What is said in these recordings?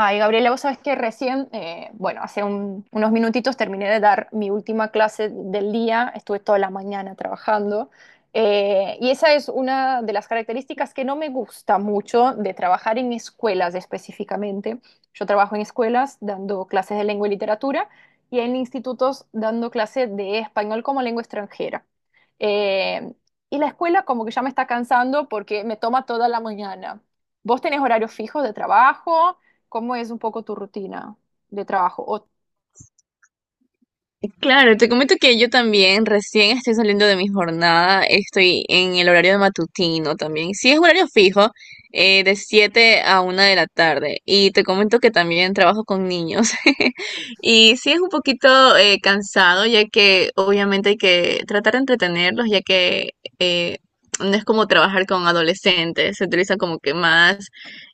Ay, Gabriela, vos sabés que recién, bueno, hace unos minutitos terminé de dar mi última clase del día, estuve toda la mañana trabajando, y esa es una de las características que no me gusta mucho de trabajar en escuelas específicamente. Yo trabajo en escuelas dando clases de lengua y literatura y en institutos dando clases de español como lengua extranjera. Eh, y la escuela como que ya me está cansando porque me toma toda la mañana. ¿Vos tenés horarios fijos de trabajo? ¿Cómo es un poco tu rutina de trabajo? O, Claro, te comento que yo también recién estoy saliendo de mi jornada, estoy en el horario de matutino también. Sí, es horario fijo, de 7 a una de la tarde. Y te comento que también trabajo con niños. Y sí es un poquito cansado, ya que obviamente hay que tratar de entretenerlos, ya que eh, no es como trabajar con adolescentes, se utiliza como que más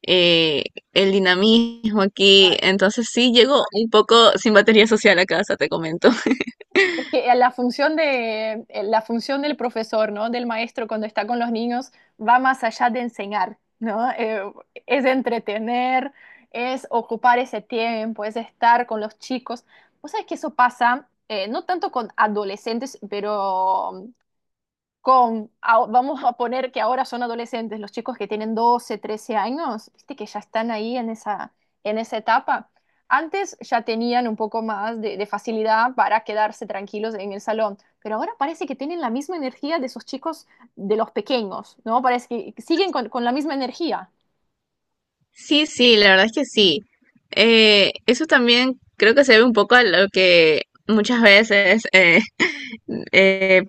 eh, el dinamismo aquí. claro. Entonces sí, llego un poco sin batería social a casa, te comento. Es que la función la función del profesor, ¿no? Del maestro cuando está con los niños va más allá de enseñar, ¿no? Es entretener, es ocupar ese tiempo, es estar con los chicos. Vos sabés que eso pasa, no tanto con adolescentes, pero vamos a poner que ahora son adolescentes, los chicos que tienen 12 13 años, viste que ya están ahí en esa etapa. Antes ya tenían un poco más de facilidad para quedarse tranquilos en el salón, pero ahora parece que tienen la misma energía de esos chicos de los pequeños, ¿no? Parece que siguen con la misma energía. Sí, sí, la verdad es que sí. Eso también creo que se ve un poco a lo que muchas veces eh,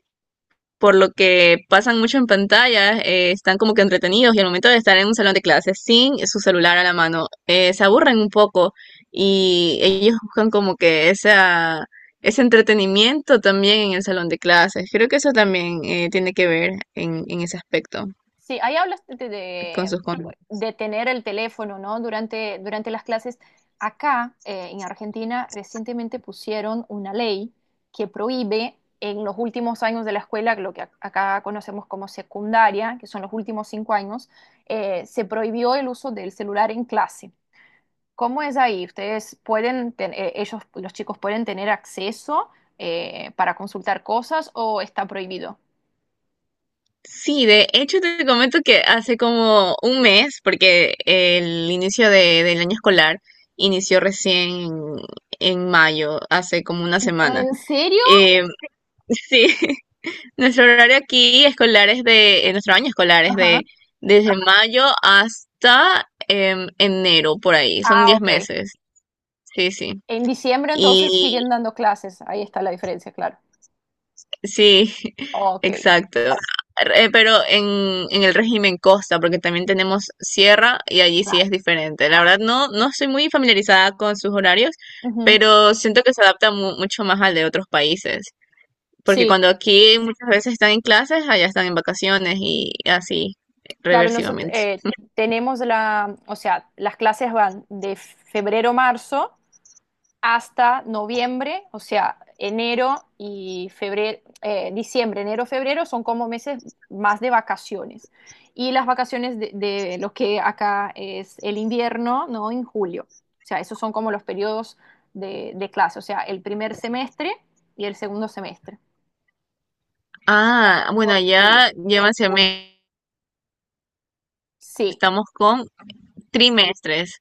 por lo que pasan mucho en pantalla, están como que entretenidos y al momento de estar en un salón de clases sin su celular a la mano, se aburren un poco y ellos buscan como que ese entretenimiento también en el salón de clases. Creo que eso también tiene que ver en ese aspecto Sí, ahí hablas con sus conductas. de tener el teléfono, ¿no? Durante las clases. Acá, en Argentina, recientemente pusieron una ley que prohíbe en los últimos años de la escuela, lo que acá conocemos como secundaria, que son los últimos 5 años, se prohibió el uso del celular en clase. ¿Cómo es ahí? ¿Ustedes pueden, ellos, los chicos pueden tener acceso para consultar cosas o está prohibido? Sí, de hecho te comento que hace como un mes, porque el inicio del año escolar inició recién en mayo, hace como una semana. ¿En serio? eh, Sí, nuestro año escolar es Ajá. de desde mayo hasta enero, por ahí, son Ah, 10 ok. meses, sí, sí. En diciembre entonces Y siguen dando clases, ahí está la diferencia, claro. sí, Ok, exacto. Pero en el régimen costa, porque también tenemos sierra y allí sí es claro. diferente. La verdad no, no estoy muy familiarizada con sus horarios, Ujú. pero siento que se adapta mucho más al de otros países. Porque Sí, cuando aquí muchas veces están en clases, allá están en vacaciones y así claro, nosotros reversivamente. tenemos la, o sea, las clases van de febrero a marzo hasta noviembre, o sea, enero y febrero, diciembre, enero, febrero son como meses más de vacaciones. Y las vacaciones de lo que acá es el invierno, ¿no? En julio. O sea, esos son como los periodos de clase, o sea, el primer semestre y el segundo semestre Ah, bueno, por julio. allá llevan semestres, Sí, estamos con trimestres,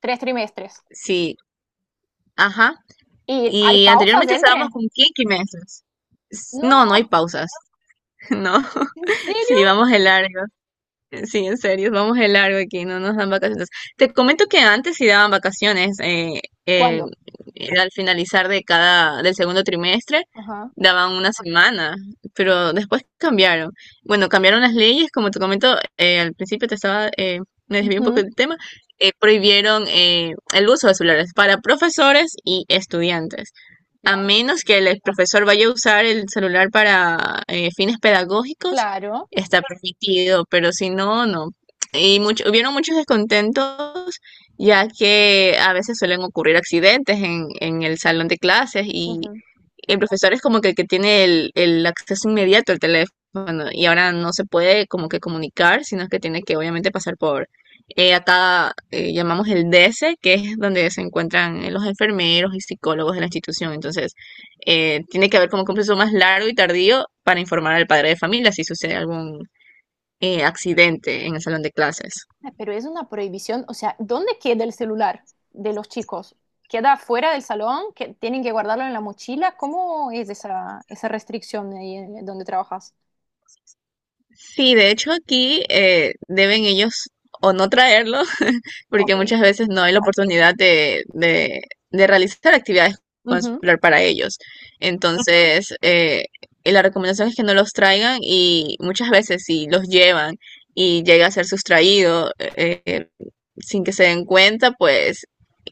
tres trimestres. sí, ajá. ¿Y hay Y pausas anteriormente estábamos entre? con quinquimestres. No, no No, hay pausas, no. ¿en serio? Sí, vamos a largo. Sí, en serio, vamos de largo aquí, no nos dan vacaciones. Te comento que antes sí daban vacaciones, ¿Cuándo? era al finalizar del segundo trimestre, Ajá. daban una semana, pero después cambiaron. Bueno, cambiaron las leyes, como te comento, al principio me desvié un poco del tema, prohibieron el uso de celulares para profesores y estudiantes. A Wow. menos que el profesor vaya a usar el celular para fines pedagógicos, Claro. está permitido, pero si no, no. Y hubieron muchos descontentos, ya que a veces suelen ocurrir accidentes en el salón de clases y el profesor es como que el que tiene el acceso inmediato al teléfono y ahora no se puede como que comunicar, sino que tiene que obviamente pasar por acá llamamos el DS, que es donde se encuentran los enfermeros y psicólogos de la institución. Entonces, tiene que haber como que un proceso más largo y tardío para informar al padre de familia si sucede algún accidente en el salón de clases. Pero es una prohibición, o sea, ¿dónde queda el celular de los chicos? ¿Queda fuera del salón? ¿Que tienen que guardarlo en la mochila? ¿Cómo es esa, esa restricción ahí donde trabajas? Sí, de hecho aquí deben ellos o no traerlo porque Ok. muchas veces no hay la oportunidad de realizar actividades con Ujú. celular para ellos. Entonces, y la recomendación es que no los traigan y muchas veces si los llevan y llega a ser sustraído sin que se den cuenta, pues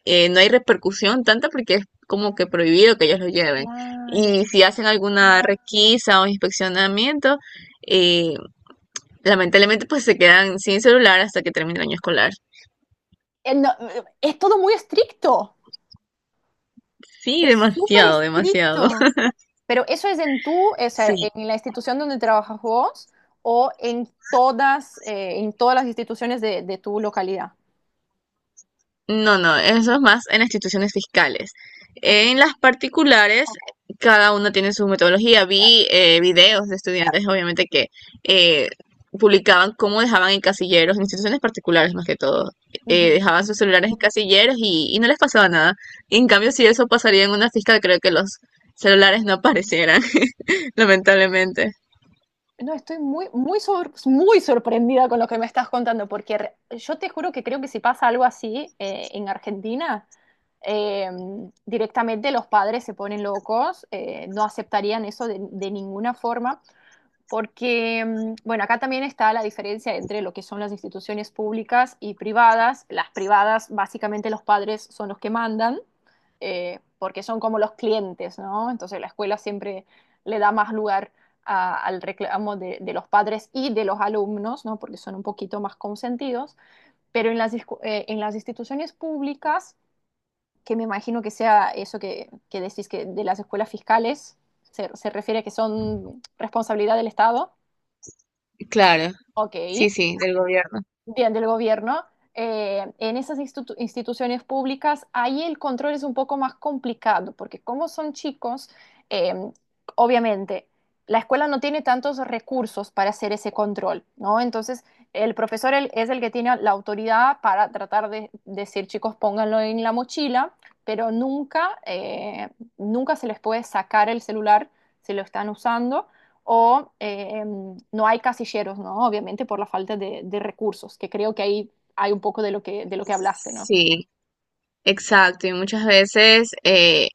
no hay repercusión tanta porque es como que prohibido que ellos lo lleven. Claro. Y si hacen alguna requisa o inspeccionamiento, eh, lamentablemente pues se quedan sin celular hasta que termine el año escolar. No, es todo muy estricto, Sí, es súper demasiado, demasiado. estricto. Pero eso es en tú, o sea, Sí, en la institución donde trabajas vos o en todas las instituciones de tu localidad. No, eso es más en las instituciones fiscales. Ok, En las particulares, cada una tiene su metodología. claro. Vi videos de estudiantes, obviamente, que eh, publicaban cómo dejaban en casilleros, en instituciones particulares más que todo, dejaban sus celulares en casilleros y no les pasaba nada. Y en cambio, si eso pasaría en una fiscal, creo que los celulares no aparecieran, lamentablemente. No, estoy muy, muy sorprendida con lo que me estás contando, porque yo te juro que creo que si pasa algo así en Argentina, eh, directamente los padres se ponen locos, no aceptarían eso de ninguna forma, porque, mm, bueno, acá también está la diferencia entre lo que son las instituciones públicas y privadas. Las privadas, básicamente los padres son los que mandan, porque son como los clientes, ¿no? Entonces la escuela siempre le da más lugar al reclamo de los padres y de los alumnos, ¿no? Porque son un poquito más consentidos. Pero en las, en las instituciones públicas, que me imagino que sea eso que decís que de las escuelas fiscales, se refiere a que son responsabilidad del Estado. Claro, Ok, sí, sí, del gobierno. bien del gobierno. En esas instituciones públicas, ahí el control es un poco más complicado, porque como son chicos, eh, obviamente la escuela no tiene tantos recursos para hacer ese control, ¿no? Entonces, el profesor es el que tiene la autoridad para tratar de decir, chicos, pónganlo en la mochila, pero nunca, nunca se les puede sacar el celular si lo están usando o no hay casilleros, ¿no? Obviamente por la falta de recursos, que creo que ahí hay un poco de lo que hablaste, ¿no? Sí, exacto, y muchas veces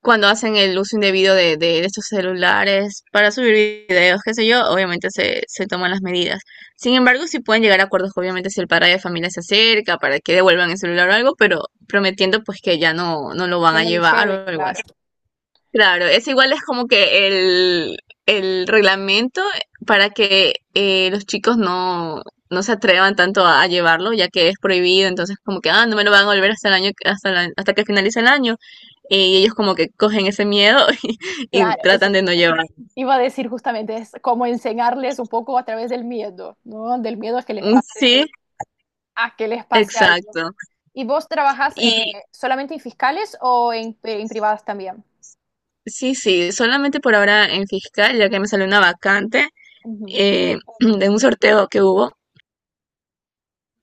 cuando hacen el uso indebido de estos celulares para subir videos, qué sé yo, obviamente se toman las medidas. Sin embargo, sí pueden llegar a acuerdos, obviamente, si el padre de familia se acerca para que devuelvan el celular o algo, pero prometiendo pues que ya no, no lo van Que a no lo llevar lleve, o algo claro. así. Claro, es igual es como que el reglamento para que los chicos no, no se atrevan tanto a llevarlo, ya que es prohibido, entonces como que, ah, no me lo van a volver hasta el año, hasta que finalice el año. Y ellos como que cogen ese miedo y Claro, tratan eso de no llevarlo. iba a decir justamente, es como enseñarles un poco a través del miedo, ¿no? Del miedo a que les Mm, sí, pase, a que les pase algo. exacto. ¿Y vos trabajas Y solamente en fiscales o en privadas también? sí, sí, solamente por ahora en fiscal, ya que me salió una vacante Ujú. De un sorteo que hubo.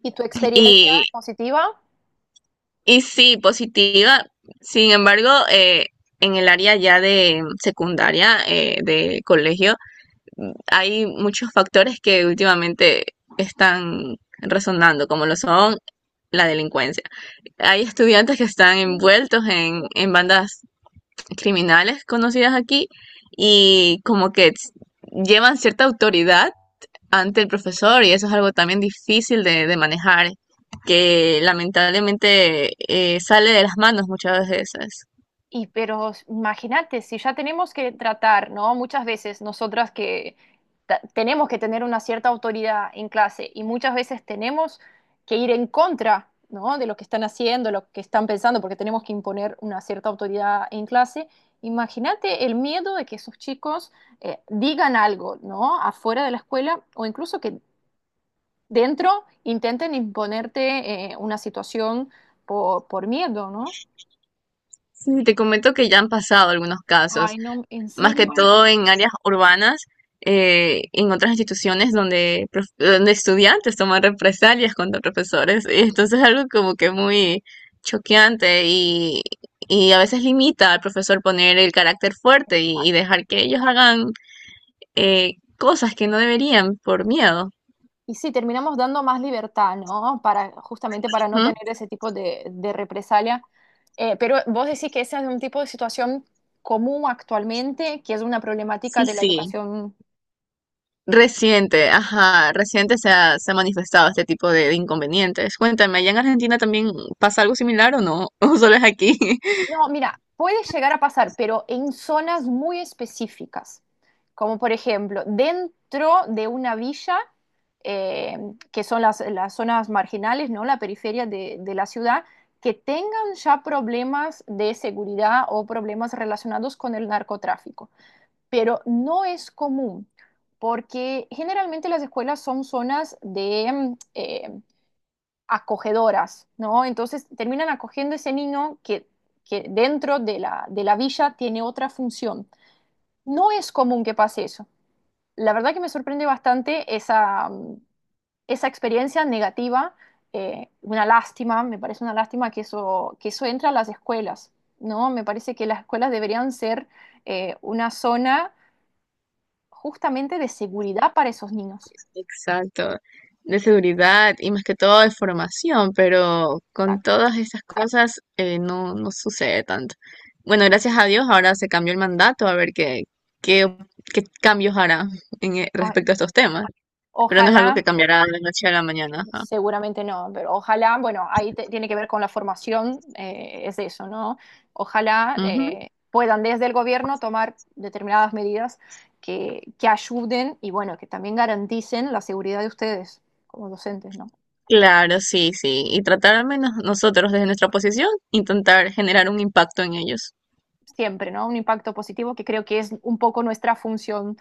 ¿Y tu experiencia positiva? Y sí, positiva. Sin embargo, en el área ya de secundaria, de colegio, hay muchos factores que últimamente están resonando, como lo son la delincuencia. Hay estudiantes que están envueltos en bandas criminales conocidas aquí y como que llevan cierta autoridad ante el profesor y eso es algo también difícil de manejar, que lamentablemente sale de las manos muchas veces. Y pero imagínate, si ya tenemos que tratar, ¿no? Muchas veces nosotras que tenemos que tener una cierta autoridad en clase y muchas veces tenemos que ir en contra, ¿no? De lo que están haciendo, lo que están pensando, porque tenemos que imponer una cierta autoridad en clase. Imagínate el miedo de que esos chicos digan algo, ¿no? Afuera de la escuela o incluso que dentro intenten imponerte una situación por miedo, ¿no? Sí, te comento que ya han pasado algunos casos, Ay, no, ¿en más que serio? todo en áreas urbanas, en otras instituciones donde estudiantes toman represalias contra profesores. Y entonces es algo como que muy choqueante y a veces limita al profesor poner el carácter fuerte y dejar que ellos hagan cosas que no deberían por miedo. Y sí, terminamos dando más libertad, ¿no? Para, justamente para no Ujú, tener ese tipo de represalia. Pero vos decís que ese es un tipo de situación común actualmente, que es una problemática sí, de la sí. educación. Reciente, ajá, reciente se ha manifestado este tipo de inconvenientes. Cuéntame, ¿allá en Argentina también pasa algo similar o no? ¿O solo es aquí? No, mira, puede llegar a pasar, pero en zonas muy específicas, como por ejemplo dentro de una villa, eh, que son las zonas marginales, ¿no? La periferia de la ciudad, que tengan ya problemas de seguridad o problemas relacionados con el narcotráfico. Pero no es común, porque generalmente las escuelas son zonas de, acogedoras, ¿no? Entonces terminan acogiendo ese niño que dentro de la villa tiene otra función. No es común que pase eso. La verdad que me sorprende bastante esa, mm, esa experiencia negativa, una lástima, me parece una lástima que eso entra a las escuelas, ¿no? Me parece que las escuelas deberían ser una zona justamente de seguridad para esos niños. Exacto, de seguridad y más que todo de formación, pero con Exacto. todas estas cosas no, no sucede tanto. Bueno, gracias a Dios ahora se cambió el mandato, a ver qué, qué cambios hará Ay, respecto a estos temas, pero no es algo que ojalá. cambiará de la noche a la mañana. Ajá. Seguramente no, pero ojalá, bueno, ahí tiene que ver con la formación, es eso, ¿no? Ojalá Ujú. Puedan desde el gobierno tomar determinadas medidas que ayuden y bueno, que también garanticen la seguridad de ustedes como docentes, ¿no? Claro, sí, sí. Y tratar al menos nosotros desde nuestra posición, intentar generar un impacto en ellos. Siempre, ¿no? Un impacto positivo que creo que es un poco nuestra función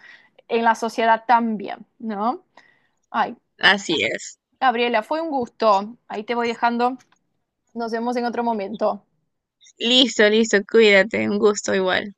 en la sociedad también, ¿no? Ay, Así es. Gabriela, fue un gusto. Ahí te voy dejando. Nos vemos en otro momento. Listo, listo, cuídate, un gusto igual.